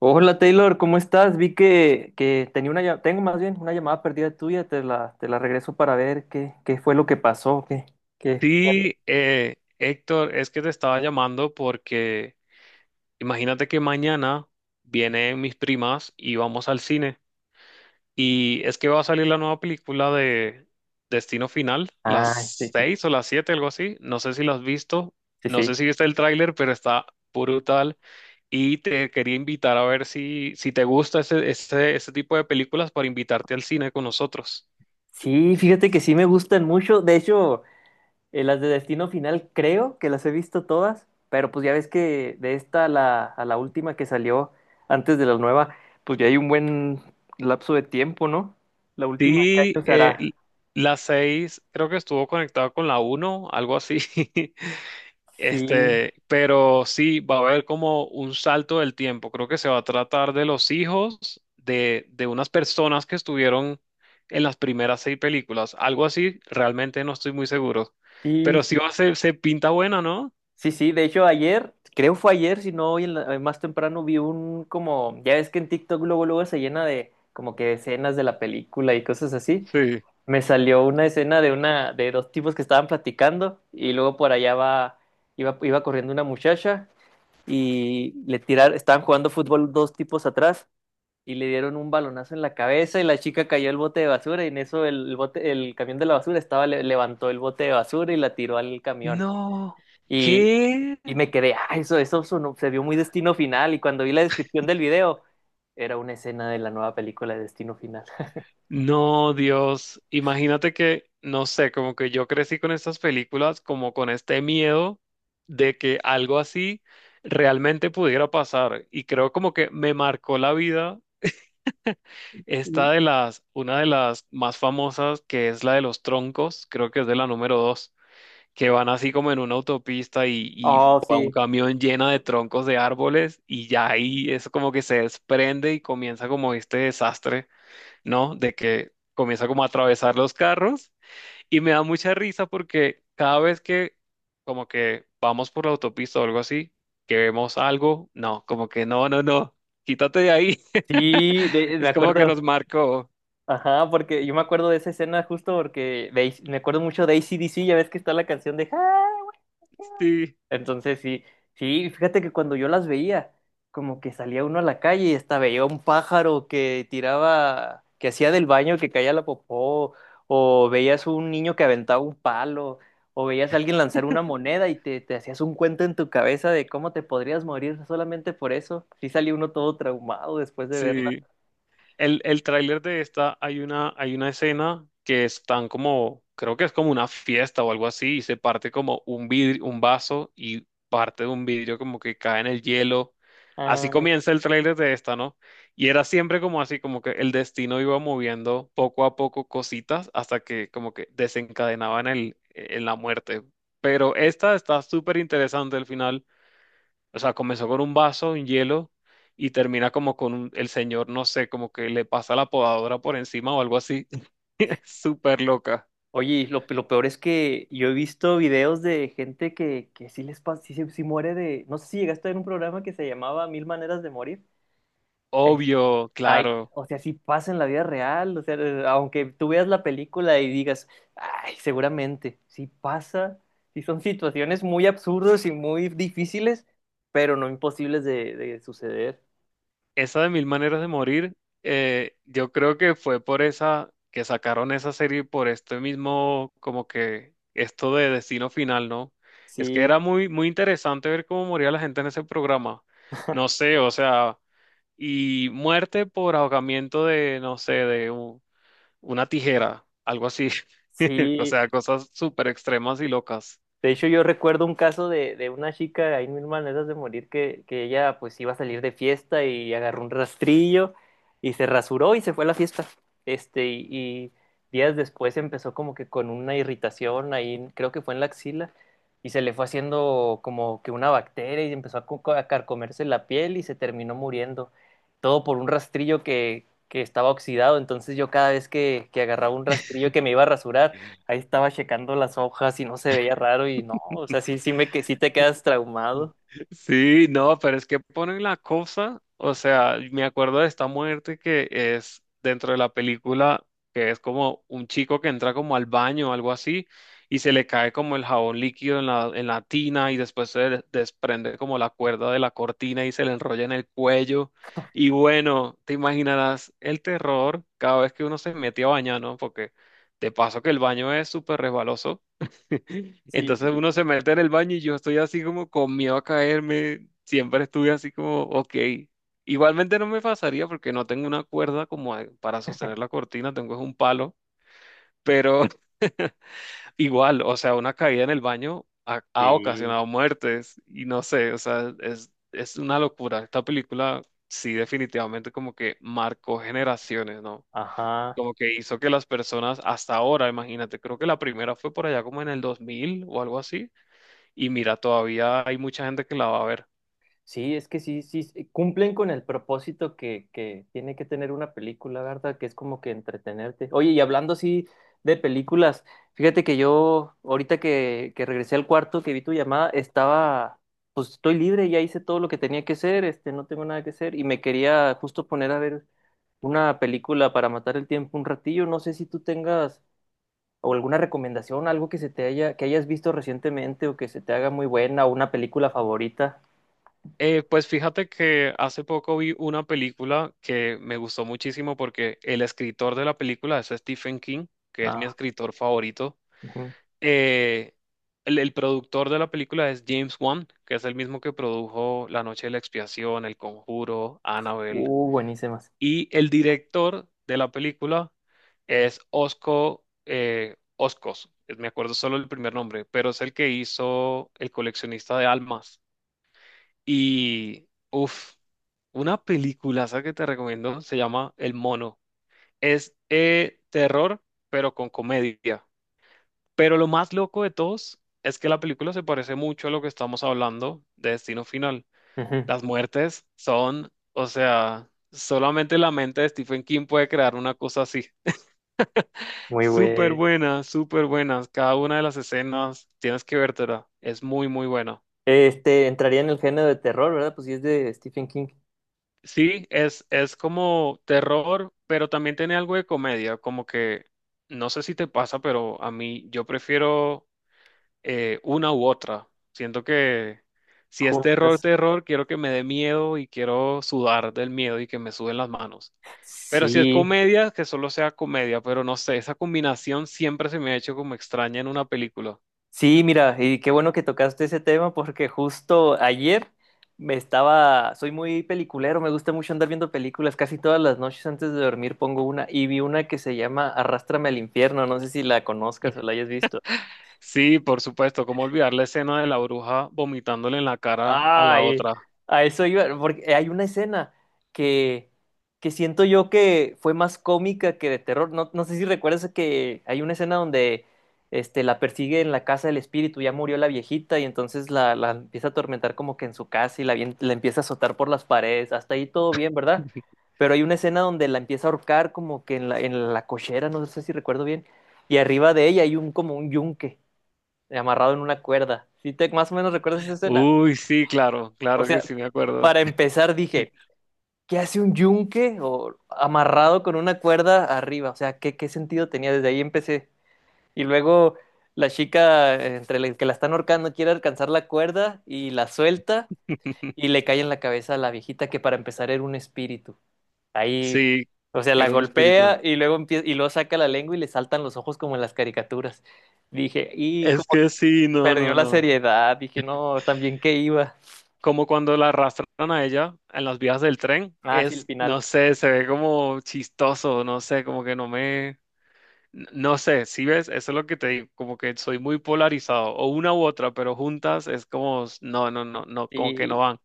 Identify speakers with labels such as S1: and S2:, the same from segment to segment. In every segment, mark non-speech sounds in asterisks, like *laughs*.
S1: Hola Taylor, ¿cómo estás? Vi que tenía una, tengo más bien una llamada perdida tuya, te la regreso para ver qué, qué fue lo que pasó, qué.
S2: Sí, Héctor, es que te estaba llamando porque imagínate que mañana vienen mis primas y vamos al cine. Y es que va a salir la nueva película de Destino Final, las
S1: Ah, sí, sí,
S2: seis o las siete, algo así. No sé si lo has visto,
S1: sí,
S2: no sé
S1: sí.
S2: si viste el tráiler, pero está brutal. Y te quería invitar a ver si te gusta ese tipo de películas para invitarte al cine con nosotros.
S1: Sí, fíjate que sí me gustan mucho. De hecho, las de Destino Final creo que las he visto todas, pero pues ya ves que de esta a a la última que salió antes de la nueva, pues ya hay un buen lapso de tiempo, ¿no? La última que
S2: Sí,
S1: años hará.
S2: la 6 creo que estuvo conectada con la uno, algo así. *laughs*
S1: Sí,
S2: Este, pero sí, va a haber como un salto del tiempo. Creo que se va a tratar de los hijos de unas personas que estuvieron en las primeras seis películas. Algo así, realmente no estoy muy seguro. Pero
S1: sí.
S2: sí va a ser, se pinta buena, ¿no?
S1: Sí, sí, de hecho ayer, creo fue ayer, si no hoy en más temprano vi un como, ya ves que en TikTok luego luego se llena de como que escenas de la película y cosas así.
S2: Sí.
S1: Me salió una escena de una de dos tipos que estaban platicando y luego por allá va iba corriendo una muchacha y le tiraron, estaban jugando fútbol dos tipos atrás y le dieron un balonazo en la cabeza y la chica cayó el bote de basura y en eso el bote, el camión de la basura estaba, levantó el bote de basura y la tiró al camión.
S2: No, ¿qué?
S1: Y me quedé, ah, eso, se vio muy Destino Final. Y cuando vi la descripción del video, era una escena de la nueva película de Destino Final. *laughs*
S2: No, Dios, imagínate que, no sé, como que yo crecí con estas películas, como con este miedo de que algo así realmente pudiera pasar. Y creo como que me marcó la vida
S1: Y-
S2: esta de las, una de las más famosas, que es la de los troncos, creo que es de la número dos, que van así como en una autopista y
S1: Oh,
S2: va un
S1: sí.
S2: camión llena de troncos de árboles y ya ahí eso como que se desprende y comienza como este desastre, ¿no? De que comienza como a atravesar los carros y me da mucha risa porque cada vez que como que vamos por la autopista o algo así, que vemos algo, no, como que no, no, no, quítate de ahí.
S1: Sí,
S2: *laughs*
S1: me
S2: Es como que nos
S1: acuerdo.
S2: marcó.
S1: Ajá, porque yo me acuerdo de esa escena justo me acuerdo mucho de AC/DC, ya ves que está la canción de...
S2: Sí,
S1: Entonces sí, sí, fíjate que cuando yo las veía, como que salía uno a la calle y hasta veía un pájaro que tiraba, que hacía del baño que caía la popó, o veías un niño que aventaba un palo, o veías a alguien lanzar una moneda y te hacías un cuento en tu cabeza de cómo te podrías morir solamente por eso. Sí salía uno todo traumado después de verla.
S2: sí. El tráiler de esta, hay una escena que están como, creo que es como una fiesta o algo así, y se parte como un vidrio, un vaso y parte de un vidrio como que cae en el hielo. Así
S1: Ah,
S2: comienza el tráiler de esta, ¿no? Y era siempre como así, como que el destino iba moviendo poco a poco cositas hasta que como que desencadenaban en la muerte. Pero esta está súper interesante al final, o sea, comenzó con un vaso, un hielo, y termina como con el señor, no sé, como que le pasa la podadora por encima o algo así. *laughs* Es súper loca.
S1: oye, y lo peor es que yo he visto videos de gente que sí les pasa, sí, sí muere de. No sé si llegaste a ver un programa que se llamaba Mil Maneras de Morir. Es-
S2: Obvio,
S1: Ay,
S2: claro.
S1: o sea, sí pasa en la vida real, o sea, aunque tú veas la película y digas, ay, seguramente, sí pasa, sí son situaciones muy absurdas y muy difíciles, pero no imposibles de suceder.
S2: Esa de Mil Maneras de Morir, yo creo que fue por esa que sacaron esa serie por este mismo, como que esto de Destino Final, ¿no? Es que
S1: Sí,
S2: era muy, muy interesante ver cómo moría la gente en ese programa. No sé, o sea, y muerte por ahogamiento de, no sé, de un una tijera, algo así. *laughs* O
S1: sí.
S2: sea, cosas súper extremas y locas.
S1: De hecho, yo recuerdo un caso de una chica, ahí mil maneras de morir, que ella pues iba a salir de fiesta y agarró un rastrillo y se rasuró y se fue a la fiesta. Este, y días después empezó como que con una irritación ahí, creo que fue en la axila, y se le fue haciendo como que una bacteria y empezó a, a carcomerse la piel y se terminó muriendo. Todo por un rastrillo que estaba oxidado. Entonces yo cada vez que agarraba un rastrillo que me iba a rasurar, ahí estaba checando las hojas y no se veía raro y no, o sea, sí, sí me que sí te quedas traumado.
S2: Sí, no, pero es que ponen la cosa, o sea, me acuerdo de esta muerte que es dentro de la película, que es como un chico que entra como al baño o algo así, y se le cae como el jabón líquido en la tina y después se desprende como la cuerda de la cortina y se le enrolla en el cuello. Y bueno, te imaginarás el terror cada vez que uno se mete a bañar, ¿no? Porque de paso que el baño es súper resbaloso. *laughs* Entonces
S1: Sí,
S2: uno se mete en el baño y yo estoy así como con miedo a caerme. Siempre estuve así como, ok. Igualmente no me pasaría porque no tengo una cuerda como para sostener la cortina, tengo es un palo. Pero *laughs* igual, o sea, una caída en el baño ha
S1: sí,
S2: ocasionado muertes y no sé, o sea, es una locura. Esta película sí definitivamente como que marcó generaciones, ¿no?
S1: ajá.
S2: Como que hizo que las personas hasta ahora, imagínate, creo que la primera fue por allá como en el 2000 o algo así y mira, todavía hay mucha gente que la va a ver.
S1: Sí, es que sí, sí, sí, cumplen con el propósito que tiene que tener una película, ¿verdad? Que es como que entretenerte. Oye, y hablando así de películas, fíjate que yo, ahorita que regresé al cuarto, que vi tu llamada, estaba, pues estoy libre, ya hice todo lo que tenía que hacer, este, no tengo nada que hacer, y me quería justo poner a ver una película para matar el tiempo un ratillo. No sé si tú tengas o alguna recomendación, algo que se te haya, que hayas visto recientemente o que se te haga muy buena, o una película favorita.
S2: Pues fíjate que hace poco vi una película que me gustó muchísimo porque el escritor de la película es Stephen King, que es mi
S1: Ah,
S2: escritor favorito.
S1: ujú.
S2: Eh, el productor de la película es James Wan, que es el mismo que produjo La Noche de la Expiación, El Conjuro, Annabelle.
S1: Buenísimas.
S2: Y el director de la película es Oscos, me acuerdo solo el primer nombre, pero es el que hizo El coleccionista de almas. Y, uff, una película que te recomiendo se llama El Mono. Es terror, pero con comedia. Pero lo más loco de todos es que la película se parece mucho a lo que estamos hablando de Destino Final.
S1: Ujú.
S2: Las muertes son, o sea, solamente la mente de Stephen King puede crear una cosa así.
S1: Muy
S2: Súper
S1: buen.
S2: buena, súper buenas. Cada una de las escenas tienes que vértela. Es muy, muy buena.
S1: Este, entraría en el género de terror, ¿verdad? Pues sí es de Stephen King.
S2: Sí, es como terror, pero también tiene algo de comedia, como que no sé si te pasa, pero a mí yo prefiero una u otra. Siento que si es terror,
S1: Juntas.
S2: terror, quiero que me dé miedo y quiero sudar del miedo y que me suden las manos. Pero si es
S1: Sí,
S2: comedia, que solo sea comedia, pero no sé, esa combinación siempre se me ha hecho como extraña en una película.
S1: sí, mira, y qué bueno que tocaste ese tema porque justo ayer me estaba, soy muy peliculero, me gusta mucho andar viendo películas, casi todas las noches antes de dormir pongo una y vi una que se llama Arrástrame al infierno, no sé si la conozcas o la
S2: *laughs*
S1: hayas visto.
S2: Sí, por supuesto, cómo olvidar la escena de la bruja vomitándole en la cara a la
S1: Ay,
S2: otra.
S1: a eso iba, porque hay una escena que, que siento yo que fue más cómica que de terror. No, no sé si recuerdas que hay una escena donde este, la persigue en la casa del espíritu, ya murió la viejita y entonces la empieza a atormentar como que en su casa y la, la empieza a azotar por las paredes. Hasta ahí todo bien, ¿verdad? Pero hay una escena donde la empieza a ahorcar como que en en la cochera, no sé si recuerdo bien, y arriba de ella hay un como un yunque amarrado en una cuerda. ¿Sí te, más o menos recuerdas esa escena?
S2: Uy, sí, claro,
S1: O
S2: claro que
S1: sea,
S2: sí me acuerdo.
S1: para empezar dije, ¿qué hace un yunque o amarrado con una cuerda arriba? O sea, ¿qué, qué sentido tenía? Desde ahí empecé. Y luego la chica, entre el que la están ahorcando, quiere alcanzar la cuerda y la suelta y
S2: *laughs*
S1: le cae en la cabeza a la viejita que para empezar era un espíritu. Ahí,
S2: Sí,
S1: o sea, la
S2: era un espíritu.
S1: golpea y luego y luego saca la lengua y le saltan los ojos como en las caricaturas. Dije, y
S2: Es
S1: como que
S2: que sí, no,
S1: perdió
S2: no,
S1: la
S2: no,
S1: seriedad, dije, no, también qué iba.
S2: como cuando la arrastran a ella en las vías del tren,
S1: Ah, sí, el
S2: es,
S1: final.
S2: no sé, se ve como chistoso, no sé, como que no me, no sé, si ves, eso es lo que te digo, como que soy muy polarizado, o una u otra, pero juntas es como, no, no, no, no, como que no
S1: Y
S2: van.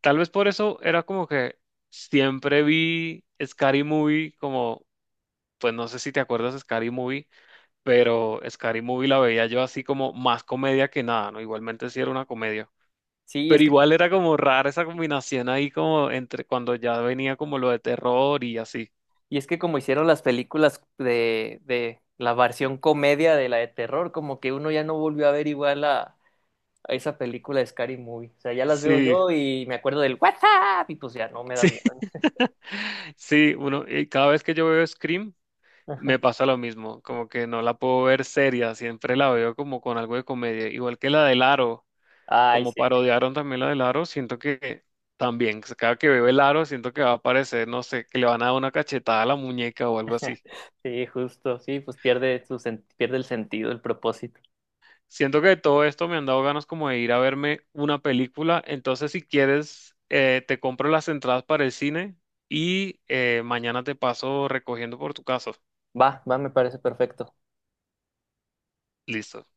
S2: Tal vez por eso era como que siempre vi Scary Movie como, pues no sé si te acuerdas de Scary Movie, pero Scary Movie la veía yo así como más comedia que nada, ¿no? Igualmente sí era una comedia.
S1: sí, es
S2: Pero
S1: que
S2: igual era como rara esa combinación ahí como entre cuando ya venía como lo de terror y así.
S1: y es que como hicieron las películas de la versión comedia de la de terror, como que uno ya no volvió a ver igual a esa película de Scary Movie. O sea, ya las veo
S2: Sí,
S1: yo y me acuerdo del WhatsApp y pues ya no me da
S2: sí,
S1: miedo.
S2: *laughs* sí, uno, y cada vez que yo veo Scream me pasa lo mismo, como que no la puedo ver seria, siempre la veo como con algo de comedia, igual que la del Aro,
S1: Ay,
S2: como
S1: sí,
S2: parodiaron también la del Aro, siento que también, pues, cada que veo el Aro siento que va a aparecer, no sé, que le van a dar una cachetada a la muñeca o algo así.
S1: *laughs* sí, justo, sí, pues pierde su pierde el sentido, el propósito.
S2: Siento que todo esto me han dado ganas como de ir a verme una película. Entonces, si quieres, te compro las entradas para el cine y mañana te paso recogiendo por tu casa.
S1: Va, va, me parece perfecto.
S2: Listo.